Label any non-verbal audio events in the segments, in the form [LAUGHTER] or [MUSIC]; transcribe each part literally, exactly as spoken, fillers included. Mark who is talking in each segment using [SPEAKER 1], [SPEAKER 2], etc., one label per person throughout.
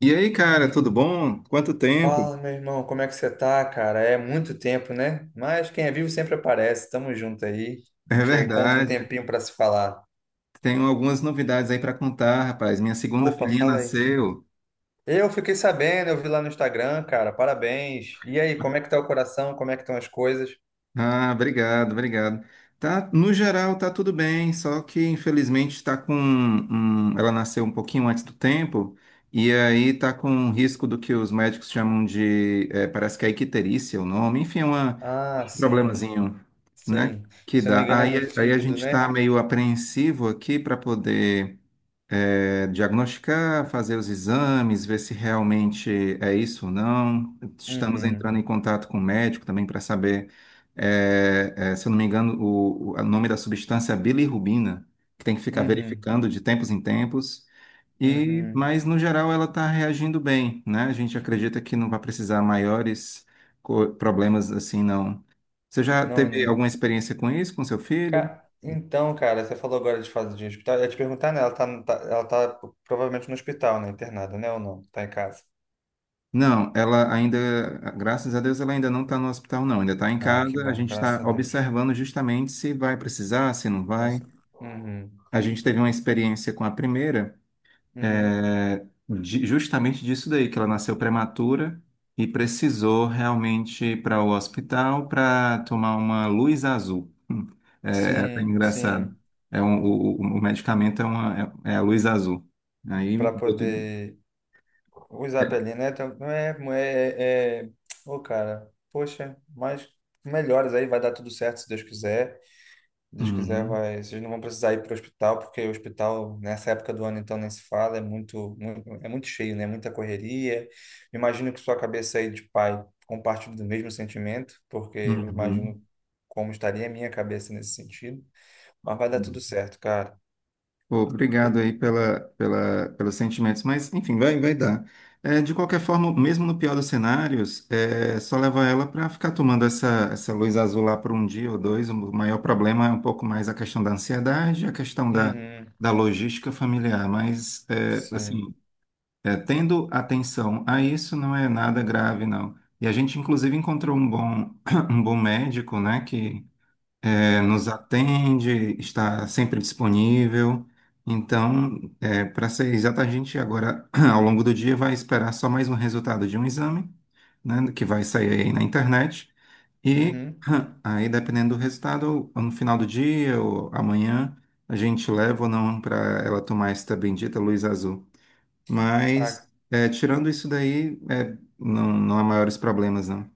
[SPEAKER 1] E aí, cara, tudo bom? Quanto tempo?
[SPEAKER 2] Fala, meu irmão, como é que você tá, cara? É muito tempo, né? Mas quem é vivo sempre aparece. Tamo junto aí. A
[SPEAKER 1] É
[SPEAKER 2] gente encontra um
[SPEAKER 1] verdade.
[SPEAKER 2] tempinho pra se falar.
[SPEAKER 1] Tenho algumas novidades aí para contar, rapaz. Minha segunda
[SPEAKER 2] Opa,
[SPEAKER 1] filhinha
[SPEAKER 2] fala aí.
[SPEAKER 1] nasceu.
[SPEAKER 2] Eu fiquei sabendo, eu vi lá no Instagram, cara. Parabéns. E aí, como é que tá o coração? Como é que estão as coisas?
[SPEAKER 1] Ah, obrigado, obrigado. Tá, no geral, tá tudo bem, só que infelizmente está com um- ela nasceu um pouquinho antes do tempo e aí tá com um risco do que os médicos chamam de, eh, parece que é icterícia o nome, enfim, é uma-
[SPEAKER 2] Ah,
[SPEAKER 1] um
[SPEAKER 2] sim.
[SPEAKER 1] problemazinho, né?
[SPEAKER 2] Sim.
[SPEAKER 1] Que
[SPEAKER 2] Se eu não me
[SPEAKER 1] dá.
[SPEAKER 2] engano, é no
[SPEAKER 1] Aí, aí a
[SPEAKER 2] fígado,
[SPEAKER 1] gente está
[SPEAKER 2] né?
[SPEAKER 1] meio apreensivo aqui para poder é, diagnosticar, fazer os exames, ver se realmente é isso ou não. Estamos
[SPEAKER 2] Uhum.
[SPEAKER 1] entrando em contato com o médico também para saber, é, é, se eu não me engano, o, o- o nome da substância é bilirrubina, que tem que ficar
[SPEAKER 2] Uhum.
[SPEAKER 1] verificando de tempos em tempos. E,
[SPEAKER 2] Uhum.
[SPEAKER 1] mas no geral ela está reagindo bem, né? A gente acredita que não vai precisar maiores co- problemas assim, não. Você já teve alguma
[SPEAKER 2] Não.
[SPEAKER 1] experiência com isso, com seu filho?
[SPEAKER 2] Ca- Então, cara, você falou agora de fase de hospital. Eu ia te perguntar, né? Ela tá, tá- ela tá provavelmente no hospital, né? Internada, né? Ou não? Tá em casa.
[SPEAKER 1] Não, ela ainda, graças a Deus, ela ainda não está no hospital, não. Ainda está em
[SPEAKER 2] Ah, que
[SPEAKER 1] casa. A
[SPEAKER 2] bom,
[SPEAKER 1] gente
[SPEAKER 2] graças
[SPEAKER 1] está
[SPEAKER 2] a Deus.
[SPEAKER 1] observando justamente se vai precisar, se não vai.
[SPEAKER 2] Nossa. Uhum,
[SPEAKER 1] A gente teve uma experiência com a primeira,
[SPEAKER 2] uhum.
[SPEAKER 1] é, de- justamente disso daí, que ela nasceu prematura e precisou realmente ir para o hospital para tomar uma luz azul. Hum, É, é até
[SPEAKER 2] Sim,
[SPEAKER 1] engraçado.
[SPEAKER 2] sim.
[SPEAKER 1] É um- o, o- o medicamento é, uma, é, é a luz azul. Aí
[SPEAKER 2] Para
[SPEAKER 1] deu tudo.
[SPEAKER 2] poder usar a pele, né? Então, não é, não é. é... Ô, cara, poxa, mas melhores aí, vai dar tudo certo se Deus quiser. Se Deus quiser,
[SPEAKER 1] Uhum,
[SPEAKER 2] vai. Vocês não vão precisar ir para o hospital, porque o hospital, nessa época do ano, então, nem se fala, é muito, muito, é muito cheio, né? Muita correria. Imagino que sua cabeça aí de pai compartilhe do mesmo sentimento, porque eu
[SPEAKER 1] uhum,
[SPEAKER 2] imagino como estaria a minha cabeça nesse sentido. Mas vai dar
[SPEAKER 1] uhum.
[SPEAKER 2] tudo certo, cara.
[SPEAKER 1] Pô, obrigado
[SPEAKER 2] E-
[SPEAKER 1] aí pela, pela, pelos sentimentos, mas enfim, vai, vai dar. É, de qualquer forma, mesmo no pior dos cenários, é, só leva ela para ficar tomando essa, essa luz azul lá por um dia ou dois. O maior problema é um pouco mais a questão da ansiedade, a questão da,
[SPEAKER 2] Uhum,
[SPEAKER 1] da logística familiar, mas é,
[SPEAKER 2] sim.
[SPEAKER 1] assim, é, tendo atenção a isso não é nada grave, não. E a gente, inclusive, encontrou um bom, [COUGHS] [CLEARS THROAT] um bom médico, né, que é, nos atende, está sempre disponível. Então, é, para ser exato, a gente agora, [CLEARS THROAT] ao longo do dia, vai esperar só mais um resultado de um exame, né, que vai sair aí na internet. E
[SPEAKER 2] Uhum.
[SPEAKER 1] [CLEARS THROAT] aí, dependendo do resultado, ou no final do dia ou amanhã, a gente leva ou não para ela tomar esta bendita luz azul.
[SPEAKER 2] Ah,
[SPEAKER 1] Mas, é, tirando isso daí, é, não, não há maiores problemas, não.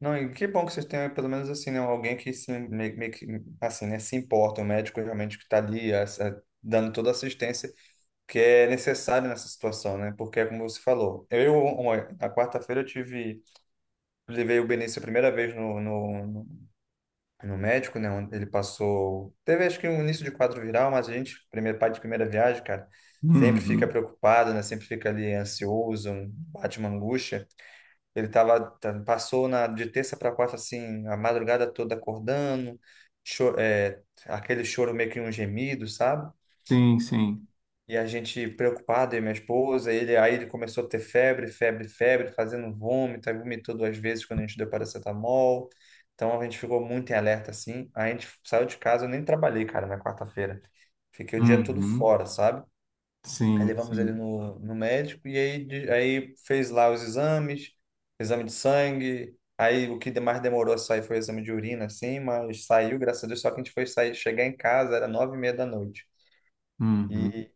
[SPEAKER 2] não, e que bom que vocês tenham pelo menos assim, né, alguém que se meio, meio que assim, né, se importa, um médico realmente que está ali essa- dando toda a assistência que é necessária nessa situação, né? Porque é como você falou. Eu, uma- na quarta-feira eu tive, levei o Benício a primeira vez no, no, no médico, né? Onde ele passou. Teve acho que um início de quadro viral, mas a gente, primeiro pai de primeira viagem, cara, sempre fica
[SPEAKER 1] Uhum.
[SPEAKER 2] preocupado, né? Sempre fica ali ansioso, um- bate uma angústia. Ele tava, tá- passou na, de terça para quarta, assim, a madrugada toda acordando, cho- é, aquele choro meio que um gemido, sabe?
[SPEAKER 1] Sim, sim.
[SPEAKER 2] E a gente preocupado, eu e minha esposa, ele, aí ele começou a ter febre, febre, febre, fazendo vômito, aí vomitou duas vezes quando a gente deu paracetamol. Então a gente ficou muito em alerta assim. Aí a gente saiu de casa, eu nem trabalhei, cara, na quarta-feira. Fiquei o dia todo
[SPEAKER 1] Uhum.
[SPEAKER 2] fora, sabe? Aí
[SPEAKER 1] Sim,
[SPEAKER 2] levamos ele
[SPEAKER 1] sim.
[SPEAKER 2] no, no médico e aí, de- aí fez lá os exames, exame de sangue. Aí o que de- Mais demorou a sair foi o exame de urina, assim, mas saiu, graças a Deus. Só que a gente foi sair, chegar em casa, era nove e meia da noite.
[SPEAKER 1] Uhum,
[SPEAKER 2] E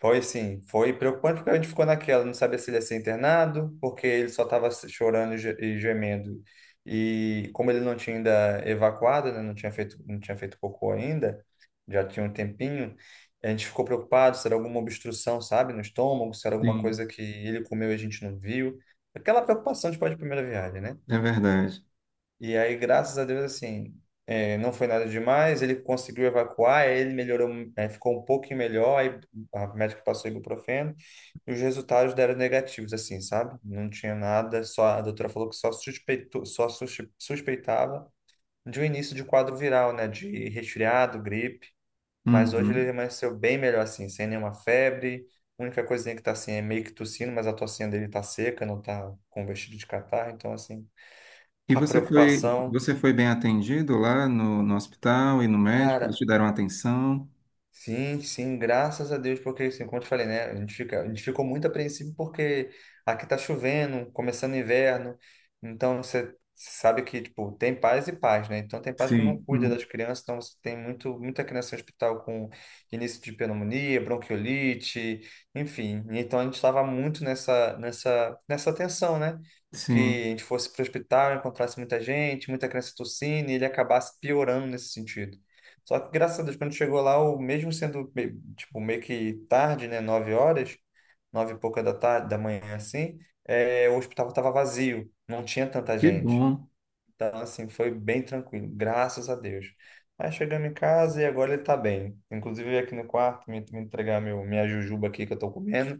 [SPEAKER 2] foi, sim, foi preocupante porque a gente ficou naquela, não sabia se ele ia ser internado, porque ele só estava chorando e ge- e gemendo. E como ele não tinha ainda evacuado, né, não tinha feito, não tinha feito cocô ainda, já tinha um tempinho, a gente ficou preocupado se era alguma obstrução, sabe, no estômago, se era alguma
[SPEAKER 1] sim,
[SPEAKER 2] coisa que ele comeu e a gente não viu. Aquela preocupação de pai de primeira viagem, né?
[SPEAKER 1] é verdade.
[SPEAKER 2] E aí, graças a Deus, assim, eh, não foi nada demais. Ele conseguiu evacuar, aí ele melhorou, eh, ficou um pouquinho melhor. Aí a médica passou ibuprofeno e os resultados deram negativos, assim, sabe? Não tinha nada, só a doutora falou que só suspeitou, só suspe- suspeitava de um início de quadro viral, né? De resfriado, gripe. Mas hoje ele
[SPEAKER 1] Uhum.
[SPEAKER 2] amanheceu bem melhor, assim, sem nenhuma febre. A única coisinha que tá assim é meio que tossindo, mas a tocinha dele tá seca, não tá com vestido de catarro, então, assim,
[SPEAKER 1] E
[SPEAKER 2] a
[SPEAKER 1] você foi,
[SPEAKER 2] preocupação.
[SPEAKER 1] você foi bem atendido lá no, no hospital e no médico? Eles
[SPEAKER 2] Cara,
[SPEAKER 1] te deram atenção?
[SPEAKER 2] sim, sim, graças a Deus, porque assim, como eu te falei, né? A gente fica, a gente ficou muito apreensivo porque aqui tá chovendo, começando o inverno, então você sabe que, tipo, tem pais e pais, né? Então tem pais que não
[SPEAKER 1] Sim,
[SPEAKER 2] cuida das
[SPEAKER 1] hum,
[SPEAKER 2] crianças, então você tem muito, muita criança em hospital com início de pneumonia, bronquiolite, enfim. Então a gente estava muito nessa, nessa, nessa tensão, né? Que
[SPEAKER 1] sim.
[SPEAKER 2] a gente fosse para o hospital, encontrasse muita gente, muita criança tossindo, e ele acabasse piorando nesse sentido. Só que, graças a Deus, quando chegou lá, o mesmo sendo, me- tipo, meio que tarde, né? Nove horas, nove e pouca da tarde, da manhã, assim, é, o hospital estava vazio, não tinha tanta
[SPEAKER 1] Que
[SPEAKER 2] gente.
[SPEAKER 1] bom.
[SPEAKER 2] Então, assim, foi bem tranquilo, graças a Deus. Aí chegamos em casa e agora ele tá bem. Inclusive, veio aqui no quarto me, me entregar meu, minha jujuba aqui que eu tô comendo,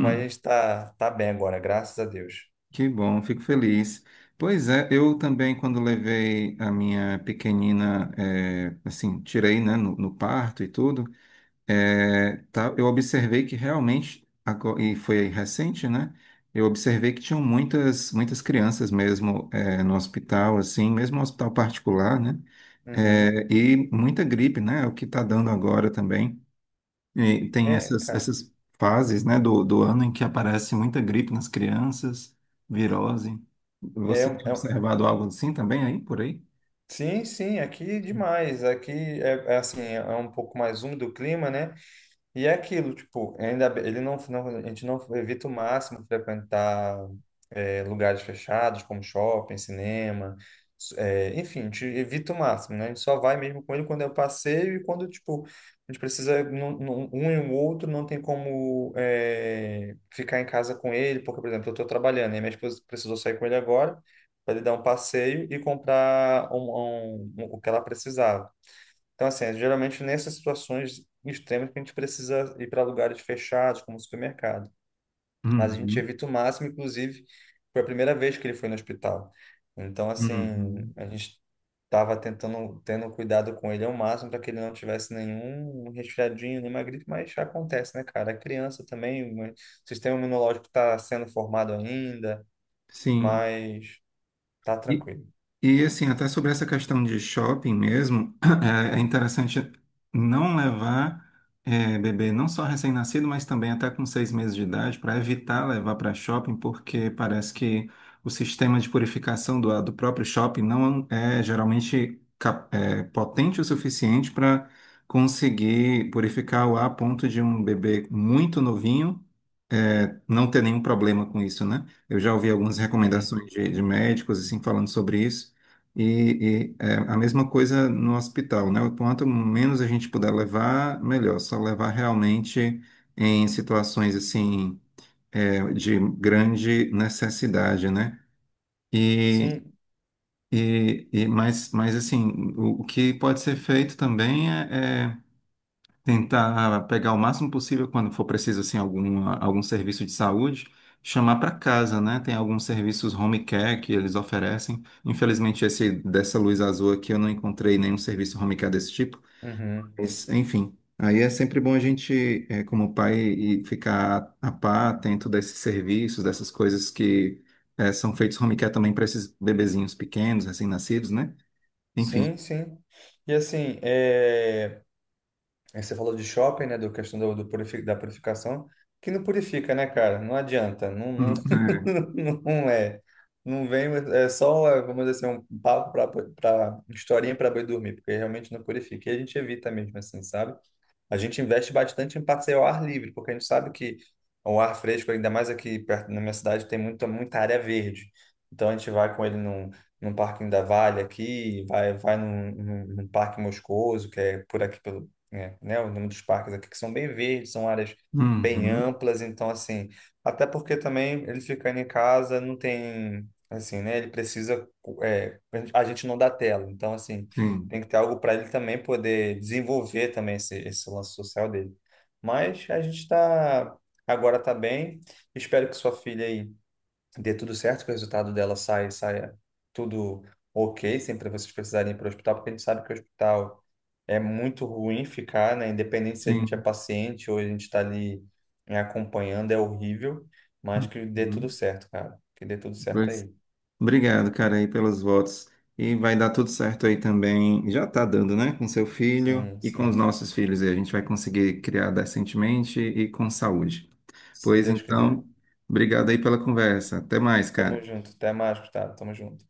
[SPEAKER 2] mas a gente tá, tá bem agora, graças a Deus.
[SPEAKER 1] que bom, fico feliz. Pois é, eu também, quando levei a minha pequenina, eh, assim, tirei, né, no, no parto e tudo, é, tá, eu observei que realmente, ago- e foi recente, né? Eu observei que tinham muitas, muitas crianças mesmo é, no hospital, assim, mesmo no hospital particular, né?
[SPEAKER 2] Uhum.
[SPEAKER 1] É, e muita gripe, né? O que está dando agora também. E tem
[SPEAKER 2] É,
[SPEAKER 1] essas,
[SPEAKER 2] cara,
[SPEAKER 1] essas fases, né, do, do ano em que aparece muita gripe nas crianças, virose.
[SPEAKER 2] é,
[SPEAKER 1] Você
[SPEAKER 2] um,
[SPEAKER 1] tem
[SPEAKER 2] é, um,
[SPEAKER 1] observado algo assim também aí, por aí?
[SPEAKER 2] sim, sim, aqui demais. Aqui é, é assim, é é um pouco mais úmido o clima, né? E é aquilo, tipo, ainda bem- ele não, não- a gente não evita o máximo frequentar é, lugares fechados, como shopping, cinema, s- é, enfim, a gente evita o máximo, né? A gente só vai mesmo com ele quando é o passeio e quando, tipo, a gente precisa, não- não- um e o outro não tem como é, ficar em casa com ele, porque, por exemplo, eu estou trabalhando e minha esposa precisou sair com ele agora para ele dar um passeio e comprar um, um- um- o que ela precisava. Então, assim, é geralmente nessas situações extremas que a gente precisa ir para lugares fechados, como o supermercado. Mas a gente
[SPEAKER 1] Uhum,
[SPEAKER 2] evita o máximo, inclusive, foi a primeira vez que ele foi no hospital. Então, assim,
[SPEAKER 1] uhum.
[SPEAKER 2] a gente estava tentando, tendo cuidado com ele ao máximo para que ele não tivesse nenhum resfriadinho, nenhuma gripe, mas já acontece, né, cara? A criança também, o sistema imunológico está sendo formado ainda,
[SPEAKER 1] Sim.
[SPEAKER 2] mas tá tranquilo.
[SPEAKER 1] E assim, até sobre essa questão de shopping mesmo, [CLEARS THROAT] é é interessante não levar eh, bebê não só recém-nascido, mas também até com seis meses de idade, para evitar levar para shopping, porque parece que o sistema de purificação do, do próprio shopping não é geralmente cap- eh, potente o suficiente para conseguir purificar o ar a ponto de um bebê muito novinho é, não ter nenhum problema com isso, né? Eu já ouvi algumas Uhum. recomendações
[SPEAKER 2] Uhum.
[SPEAKER 1] de, de médicos, assim, falando sobre isso, e, e, é, a mesma coisa no hospital, né? O quanto menos a gente puder levar, melhor. Só levar realmente em situações, assim, é, de grande necessidade, né? E,
[SPEAKER 2] Sim,
[SPEAKER 1] e, e mas, mas, assim, o, o que pode ser feito também é é tentar pegar o máximo possível quando for preciso assim algum algum serviço de saúde, chamar para casa, né? Tem alguns serviços home care que eles oferecem. Infelizmente esse dessa luz azul aqui eu não encontrei nenhum serviço home care desse tipo.
[SPEAKER 2] uhum.
[SPEAKER 1] Mas, enfim, aí é sempre bom a gente, eh, como pai, e ficar a par atento desses serviços, dessas coisas que eh, são feitos home care também para esses bebezinhos pequenos, recém-nascidos, né? Enfim.
[SPEAKER 2] Sim, sim. E assim. é... Aí você falou de shopping, né? Da questão do, do purifi- da purificação, que não purifica, né, cara? Não adianta, não,
[SPEAKER 1] Hum,
[SPEAKER 2] não,
[SPEAKER 1] é.
[SPEAKER 2] [LAUGHS] não é. Não vem, é só, é, vamos dizer assim, um papo para historinha para boi dormir, porque realmente não purifica. E a gente evita mesmo, assim, sabe? A gente investe bastante em passeio ao ar livre, porque a gente sabe que o ar fresco, ainda mais aqui perto na minha cidade, tem muita, muita área verde. Então a gente vai com ele num, num parquinho da Vale aqui, vai, vai num, num, num parque Moscoso, que é por aqui, pelo, é, né, o nome dos parques aqui, que são bem verdes, são áreas bem
[SPEAKER 1] Uhum,
[SPEAKER 2] amplas. Então, assim, até porque também ele ficando em casa não tem, assim, né, ele precisa, é, a gente não dá tela. Então, assim,
[SPEAKER 1] sim,
[SPEAKER 2] tem que ter algo para ele também poder desenvolver também esse, esse lance social dele. Mas a gente está agora, está bem. Espero que sua filha aí dê tudo certo, que o resultado dela saia, saia tudo ok, sempre vocês precisarem ir para o hospital, porque a gente sabe que o hospital é muito ruim ficar, né? Independente se a gente é
[SPEAKER 1] sim.
[SPEAKER 2] paciente ou a gente está ali, né, acompanhando, é horrível, mas que dê tudo
[SPEAKER 1] Uhum.
[SPEAKER 2] certo, cara. Que dê tudo certo
[SPEAKER 1] Pois,
[SPEAKER 2] aí.
[SPEAKER 1] obrigado, cara, aí pelos votos. E vai dar tudo certo aí também. Já tá dando, né? Com seu filho
[SPEAKER 2] Sim,
[SPEAKER 1] e com os
[SPEAKER 2] sim.
[SPEAKER 1] nossos filhos. E a gente vai conseguir criar decentemente e com saúde.
[SPEAKER 2] Se
[SPEAKER 1] Pois
[SPEAKER 2] Deus quiser.
[SPEAKER 1] então, obrigado aí pela conversa. Até mais,
[SPEAKER 2] Tamo
[SPEAKER 1] cara.
[SPEAKER 2] junto. Até mais, Gustavo. Tamo junto.